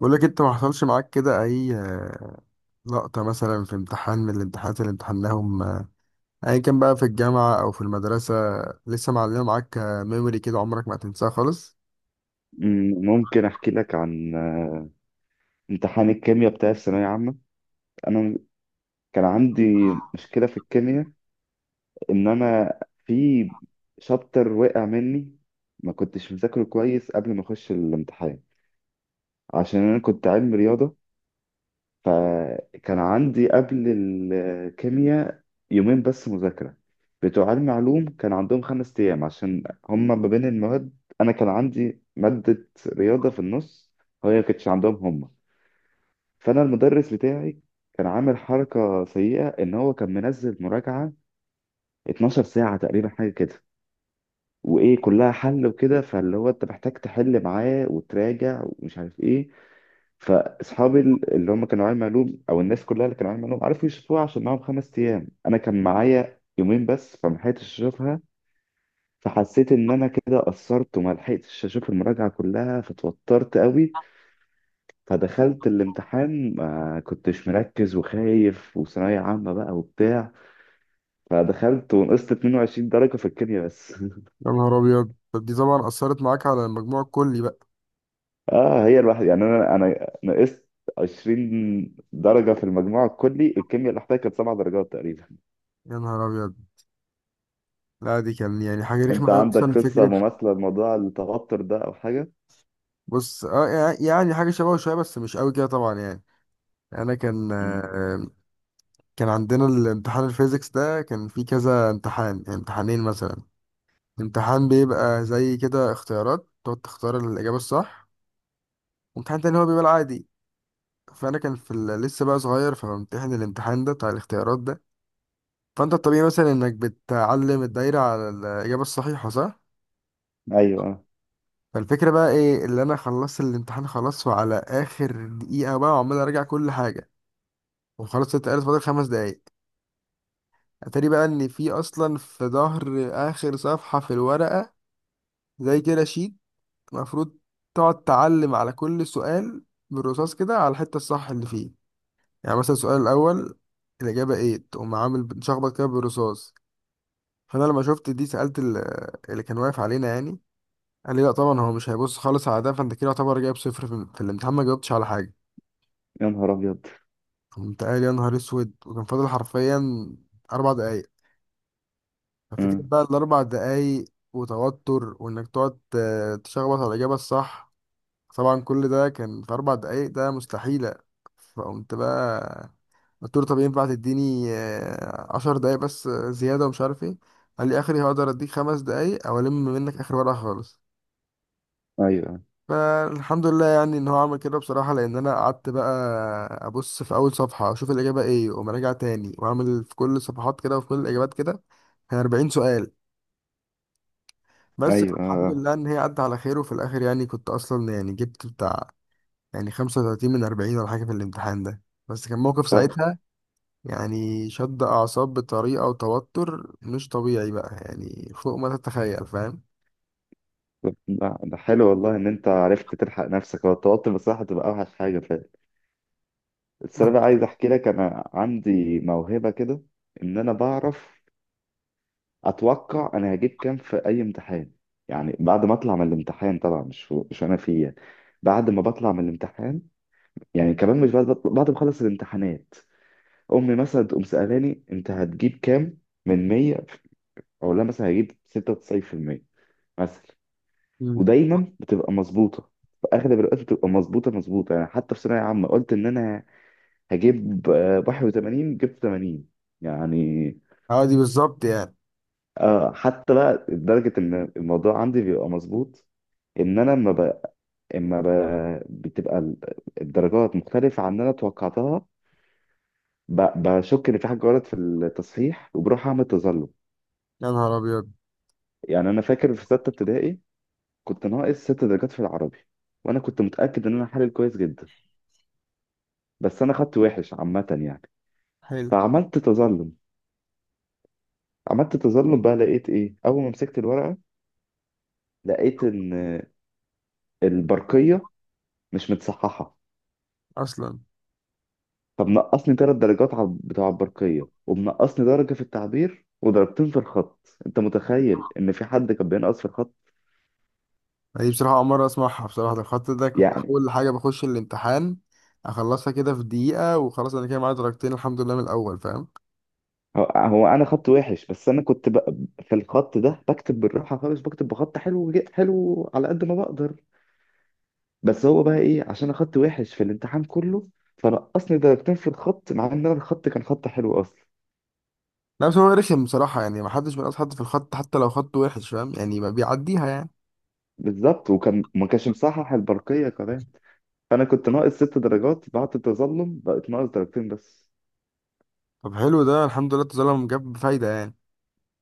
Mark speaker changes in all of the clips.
Speaker 1: بقول لك انت ما حصلش معاك كده اي لقطة مثلا في امتحان من الامتحانات اللي امتحناهم، ايا كان بقى في الجامعة او في المدرسة، لسه معلمة معاك ميموري كده عمرك ما هتنساها خالص.
Speaker 2: ممكن احكي لك عن امتحان الكيمياء بتاع الثانويه عامه. انا كان عندي مشكله في الكيمياء، ان انا في شابتر وقع مني. ما كنتش مذاكره كويس قبل ما اخش الامتحان عشان انا كنت علم رياضه، فكان عندي قبل الكيمياء يومين بس مذاكره. بتوع علم علوم كان عندهم خمس ايام عشان هما ما بين المواد، انا كان عندي ماده رياضه في النص، هي ما كانتش عندهم هما. فانا المدرس بتاعي كان عامل حركه سيئه، ان هو كان منزل مراجعه 12 ساعه تقريبا حاجه كده، وايه كلها حل وكده، فاللي هو انت محتاج تحل معاه وتراجع ومش عارف ايه. فاصحابي اللي هم كانوا علم علوم، او الناس كلها اللي كانوا علم علوم، عرفوا يشوفوها عشان معاهم خمس ايام، انا كان معايا يومين بس فما لحقتش اشوفها. فحسيت ان انا كده قصرت وما لحقتش اشوف المراجعه كلها، فتوترت قوي. فدخلت الامتحان ما كنتش مركز وخايف، وثانوية عامة بقى وبتاع. فدخلت ونقصت 22 درجة في الكيمياء بس.
Speaker 1: يا نهار ابيض، طب دي طبعا اثرت معاك على المجموع الكلي بقى.
Speaker 2: اه، هي الواحد يعني انا نقصت 20 درجة في المجموع الكلي. الكيمياء اللي احتاجت كانت سبع درجات تقريبا.
Speaker 1: يا نهار ابيض. لا دي كان يعني حاجة رخمة
Speaker 2: انت
Speaker 1: أوي
Speaker 2: عندك
Speaker 1: أصلا
Speaker 2: قصة
Speaker 1: فكرة.
Speaker 2: مماثلة لموضوع التوتر ده او حاجة؟
Speaker 1: بص اه، يعني حاجة شبهه شوية بس مش قوي كده طبعا يعني. أنا كان
Speaker 2: مم.
Speaker 1: آه، كان عندنا الامتحان الفيزيكس ده، كان فيه كذا امتحان، امتحانين مثلا. امتحان بيبقى زي كده اختيارات تقعد تختار الإجابة الصح، وامتحان تاني هو بيبقى العادي. فأنا كان في لسه بقى صغير، فبمتحن الامتحان ده بتاع الاختيارات ده. فأنت الطبيعي مثلا إنك بتعلم الدايرة على الإجابة الصحيحة، صح؟
Speaker 2: ايوه.
Speaker 1: فالفكرة بقى إيه؟ اللي أنا خلصت الامتحان خلاص، وعلى آخر دقيقة بقى وعمال أراجع كل حاجة، وخلاص اتقالت فاضل خمس دقايق. أتاري بقى إن في أصلا في ظهر آخر صفحة في الورقة زي كده شيت المفروض تقعد تعلم على كل سؤال بالرصاص كده على الحتة الصح اللي فيه. يعني مثلا السؤال الأول الإجابة إيه، تقوم عامل مشخبط كده بالرصاص. فأنا لما شفت دي سألت اللي كان واقف علينا يعني. قال لي لا طبعا هو مش هيبص خالص على ده، فأنت كده يعتبر جايب صفر في الامتحان، ما جاوبتش على حاجة.
Speaker 2: يا نهار ابيض.
Speaker 1: قمت قايل يا نهار أسود، وكان فاضل حرفيا أربع دقايق. ففكرة
Speaker 2: مم.
Speaker 1: بقى الأربع دقايق وتوتر، وإنك تقعد تشخبط على الإجابة الصح، طبعا كل ده كان في أربع دقايق، ده مستحيلة. فقمت بقى قلت له طب ينفع تديني عشر دقايق بس زيادة ومش عارف ايه. قال لي آخري هقدر أديك خمس دقايق أو ألم منك آخر ورقة خالص.
Speaker 2: ايوه،
Speaker 1: فالحمد لله يعني إن هو عمل كده بصراحة، لأن أنا قعدت بقى أبص في أول صفحة أشوف الإجابة إيه وأقوم راجع تاني وأعمل في كل الصفحات كده وفي كل الإجابات كده، كان 40 سؤال. بس الحمد
Speaker 2: ايوه.
Speaker 1: لله إن هي عدت على خير، وفي الآخر يعني كنت أصلا يعني جبت بتاع يعني 35 من 40 ولا حاجة في الامتحان ده. بس كان موقف
Speaker 2: طب.
Speaker 1: ساعتها، يعني شد أعصاب بطريقة وتوتر مش طبيعي بقى، يعني فوق ما تتخيل، فاهم؟
Speaker 2: لا، ده حلو والله ان انت عرفت تلحق نفسك. هو التوتر بصراحة تبقى اوحش حاجة. بس انا عايز احكي لك، انا عندي موهبه كده، ان انا بعرف اتوقع انا هجيب كام في اي امتحان. يعني بعد ما اطلع من الامتحان طبعا، مش انا فيه يعني. بعد ما بطلع من الامتحان، يعني كمان مش بعد ما اخلص الامتحانات، امي مثلا تقوم سالاني انت هتجيب كام من 100، اقول لها مثلا هجيب 96% مثلا.
Speaker 1: مم.
Speaker 2: ودايما بتبقى مظبوطه، في اغلب الوقت بتبقى مظبوطه مظبوطه. يعني حتى في ثانويه عامه قلت ان انا هجيب 81، جبت 80 يعني.
Speaker 1: اه، دي بالظبط يعني.
Speaker 2: آه، حتى بقى لدرجة إن الموضوع عندي بيبقى مظبوط، إن أنا لما إما ب... بتبقى ال- الدرجات مختلفة عن اللي أنا توقعتها، بشك إن في حاجة غلط في التصحيح وبروح أعمل تظلم
Speaker 1: يا نهار أبيض،
Speaker 2: يعني. أنا فاكر في ستة ابتدائي كنت ناقص ست درجات في العربي، وأنا كنت متأكد إن أنا حالل كويس جدا، بس أنا خدت وحش عامة يعني.
Speaker 1: حلو
Speaker 2: فعملت تظلم. عملت تظلم بقى، لقيت إيه أول ما مسكت الورقة؟ لقيت ان البرقية مش متصححة.
Speaker 1: أصلا.
Speaker 2: فمنقصني ثلاث درجات على بتوع البرقية، ومنقصني درجة في التعبير، ودرجتين في الخط. انت متخيل ان في حد كان بينقص في الخط؟
Speaker 1: يعني دي بصراحة أول مرة أسمعها بصراحة، ده الخط ده كنت
Speaker 2: يعني
Speaker 1: أول حاجة بخش الامتحان أخلصها كده في دقيقة، وخلاص أنا كده معايا درجتين الحمد لله من الأول، فاهم؟
Speaker 2: هو انا خط وحش، بس انا في الخط ده بكتب بالراحة خالص، بكتب بخط حلو، حلو على قد ما بقدر. بس هو بقى ايه، عشان انا خط وحش في الامتحان كله، فنقصني درجتين في الخط، مع ان انا الخط كان خط حلو اصلا.
Speaker 1: لا بس هو رخم بصراحة، يعني محدش بينقص حد في الخط حتى لو خط وحش، فاهم يعني؟ ما بيعديها يعني.
Speaker 2: بالظبط. وكان ما كانش مصحح البرقية كمان، فانا كنت ناقص ست درجات، بعد التظلم بقت ناقص درجتين بس.
Speaker 1: طب حلو ده، الحمد لله التظلم جاب فايدة يعني.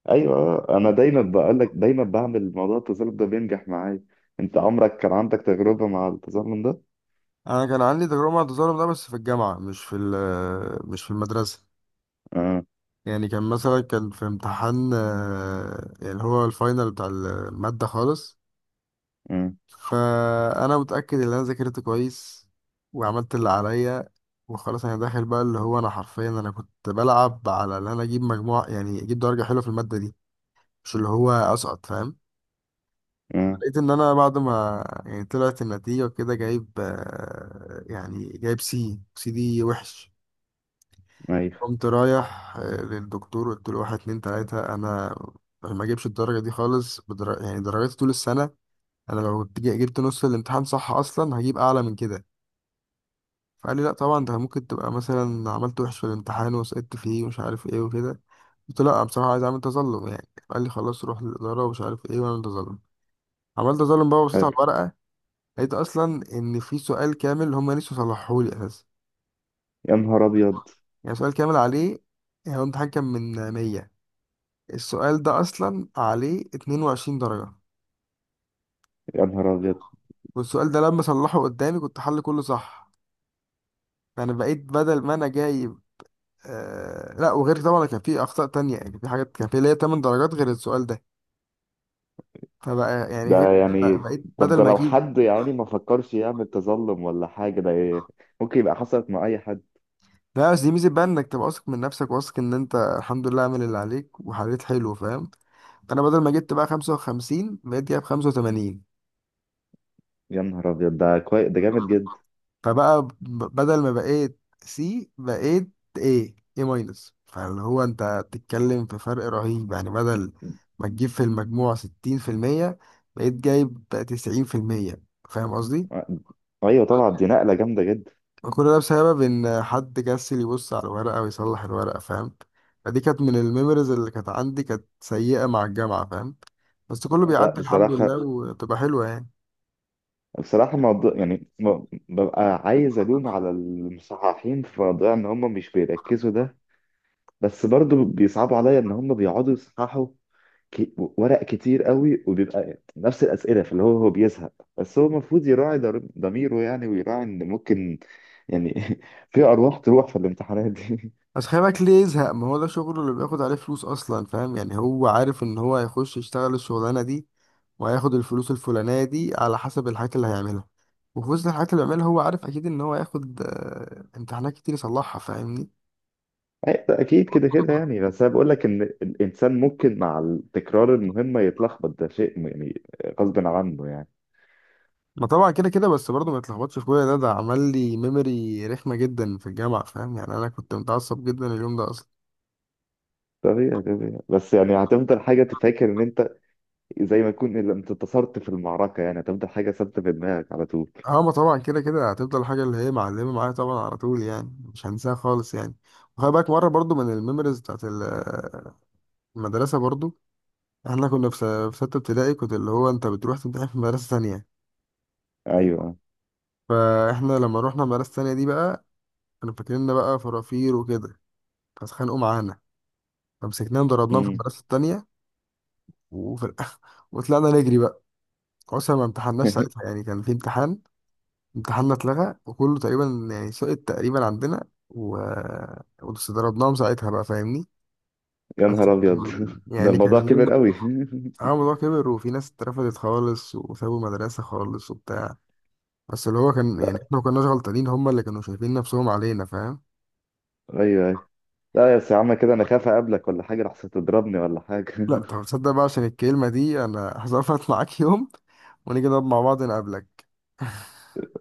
Speaker 2: ايوه، انا دايما بقول لك، دايما بعمل موضوع التظلم ده بينجح معايا. انت عمرك كان عندك تجربة مع التظلم ده؟
Speaker 1: أنا كان عندي تجربة مع التظلم ده بس في الجامعة، مش في مش في المدرسة.
Speaker 2: اه.
Speaker 1: يعني كان مثلا كان في امتحان اللي هو الفاينل بتاع المادة خالص.
Speaker 2: اه.
Speaker 1: فأنا متأكد إن أنا ذاكرت كويس وعملت اللي عليا، وخلاص أنا داخل بقى، اللي هو أنا حرفيا أنا كنت بلعب على إن أنا أجيب مجموع، يعني أجيب درجة حلوة في المادة دي، مش اللي هو أسقط، فاهم؟
Speaker 2: اه.
Speaker 1: لقيت ان انا بعد ما يعني طلعت النتيجة وكده جايب يعني جايب سي سي دي وحش.
Speaker 2: ايوه.
Speaker 1: قمت رايح للدكتور قلت له واحد اتنين تلاتة، انا ما اجيبش الدرجة دي خالص يعني درجاتي طول السنة، انا لو كنت جبت نص الامتحان صح اصلا هجيب اعلى من كده. فقال لي لا طبعا ده ممكن تبقى مثلا عملت وحش في الامتحان وسقطت فيه ومش عارف ايه وكده. قلت له لا بصراحة عايز اعمل تظلم يعني. قال لي خلاص روح للإدارة ومش عارف ايه واعمل تظلم. عملت تظلم بقى وبصيت على
Speaker 2: حلو.
Speaker 1: الورقة، لقيت اصلا ان في سؤال كامل هم نسوا صلحوه لي اساسا.
Speaker 2: يا نهار ابيض.
Speaker 1: يعني سؤال كامل عليه، يعني هو الامتحان كان من 100، السؤال ده اصلا عليه 22 درجة.
Speaker 2: يا نهار ابيض.
Speaker 1: والسؤال ده لما صلحه قدامي كنت حل كله صح، فانا بقيت بدل ما انا جايب، آه لا وغير طبعا كان في اخطاء تانية، يعني في حاجات كان في ليا 8 درجات غير السؤال ده، فبقى يعني
Speaker 2: ده
Speaker 1: غير،
Speaker 2: يعني.
Speaker 1: بقيت
Speaker 2: طب
Speaker 1: بدل
Speaker 2: ده
Speaker 1: ما
Speaker 2: لو
Speaker 1: اجيب.
Speaker 2: حد يعني ما فكرش يعمل تظلم ولا حاجة، ده إيه؟ ممكن يبقى حصلت مع اي حد.
Speaker 1: لا بس دي ميزة بقى، انك تبقى واثق من نفسك، واثق ان انت الحمد لله عامل اللي عليك وحليت حلو، فاهم؟ فانا بدل ما جبت بقى 55 بقيت جايب 85.
Speaker 2: يا نهار ابيض، ده كويس، ده جامد جدا.
Speaker 1: فبقى بدل ما بقيت سي بقيت ايه ايه ماينس، فاللي هو انت بتتكلم في فرق رهيب، يعني بدل ما تجيب في المجموع 60% بقيت جايب 90%، فاهم قصدي؟
Speaker 2: ايوه طبعا، دي نقلة جامدة جدا.
Speaker 1: وكل ده بسبب ان حد كسل يبص على الورقة ويصلح الورقة، فاهم؟ فدي كانت من الميموريز اللي كانت عندي كانت سيئة مع الجامعة، فاهم؟ بس كله
Speaker 2: لا
Speaker 1: بيعدي الحمد لله
Speaker 2: بصراحة.
Speaker 1: وتبقى حلوة يعني.
Speaker 2: بصراحة موضوع يعني، ببقى عايز ألوم على المصححين في موضوع إن هم مش بيركزوا ده، بس برضو بيصعبوا عليا إن هم بيقعدوا يصححوا ورق كتير قوي، وبيبقى نفس الأسئلة، فاللي هو هو بيزهق. بس هو المفروض يراعي ضميره يعني، ويراعي إن ممكن يعني في أرواح تروح في الامتحانات دي.
Speaker 1: بس خلي بالك ليه يزهق، ما هو ده شغله اللي بياخد عليه فلوس اصلا، فاهم يعني؟ هو عارف ان هو هيخش يشتغل الشغلانه دي، وهياخد الفلوس الفلانيه دي على حسب الحاجات اللي هيعملها، وفي وسط الحاجات اللي بيعملها هو عارف اكيد ان هو هياخد امتحانات كتير يصلحها، فاهمني؟
Speaker 2: ده أكيد كده كده يعني. بس أنا بقول لك إن الإنسان ممكن مع التكرار المهمة يتلخبط، ده شيء يعني غصب عنه يعني.
Speaker 1: ما طبعا كده كده، بس برضه ما يتلخبطش في كل ده، ده عمل لي ميموري رخمه جدا في الجامعه، فاهم يعني؟ انا كنت متعصب جدا اليوم ده اصلا.
Speaker 2: طبيعي، طبيعي. بس يعني هتفضل حاجة تفكر ان انت، زي ما تكون انت انتصرت في المعركة يعني، هتفضل حاجة ثابتة في دماغك على طول.
Speaker 1: اه، ما طبعا كده كده هتفضل حاجه اللي هي معلمه معايا طبعا على طول، يعني مش هنساها خالص يعني. وخلي بالك مره برضه من الميموريز بتاعت المدرسة برضو، احنا كنا في في ستة ابتدائي، كنت اللي هو انت بتروح تمتحن في مدرسة ثانية.
Speaker 2: ايوه.
Speaker 1: فاحنا لما روحنا المدرسة الثانية دي بقى، كانوا فاكريننا بقى فرافير وكده، فاتخانقوا معانا، فمسكناهم ضربناهم في
Speaker 2: امم.
Speaker 1: المدرسة التانية. وفي الآخر وطلعنا نجري بقى، أصلا ما امتحناش ساعتها، يعني كان في امتحان امتحاننا اتلغى وكله تقريبا يعني سقط تقريبا عندنا. و... بس ضربناهم ساعتها بقى، فاهمني؟
Speaker 2: يا
Speaker 1: بس
Speaker 2: نهار ابيض. ده
Speaker 1: يعني كان
Speaker 2: الموضوع
Speaker 1: يوم.
Speaker 2: كبر قوي.
Speaker 1: اه الموضوع كبر، وفي ناس اترفضت خالص وسابوا المدرسة خالص وبتاع، بس اللي هو كان يعني احنا
Speaker 2: لا.
Speaker 1: ما كناش غلطانين، هما اللي كانوا شايفين نفسهم علينا، فاهم؟
Speaker 2: ايوه، ايوه. لا يا سي عم، كده انا خاف اقابلك ولا حاجة لحسن تضربني ولا حاجة.
Speaker 1: لا طب تصدق بقى عشان الكلمة دي انا هظبط معاك يوم ونيجي نقعد مع بعض نقابلك.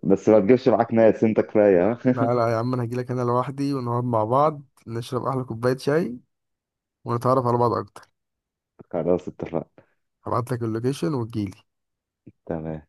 Speaker 2: بس ما تجيبش معاك ناس، انت كفاية،
Speaker 1: لا
Speaker 2: ها؟
Speaker 1: لا يا عم، انا هجيلك انا لوحدي ونقعد مع بعض، نشرب احلى كوباية شاي ونتعرف على بعض اكتر.
Speaker 2: خلاص، اتفقنا.
Speaker 1: هبعتلك اللوكيشن وتجيلي.
Speaker 2: تمام.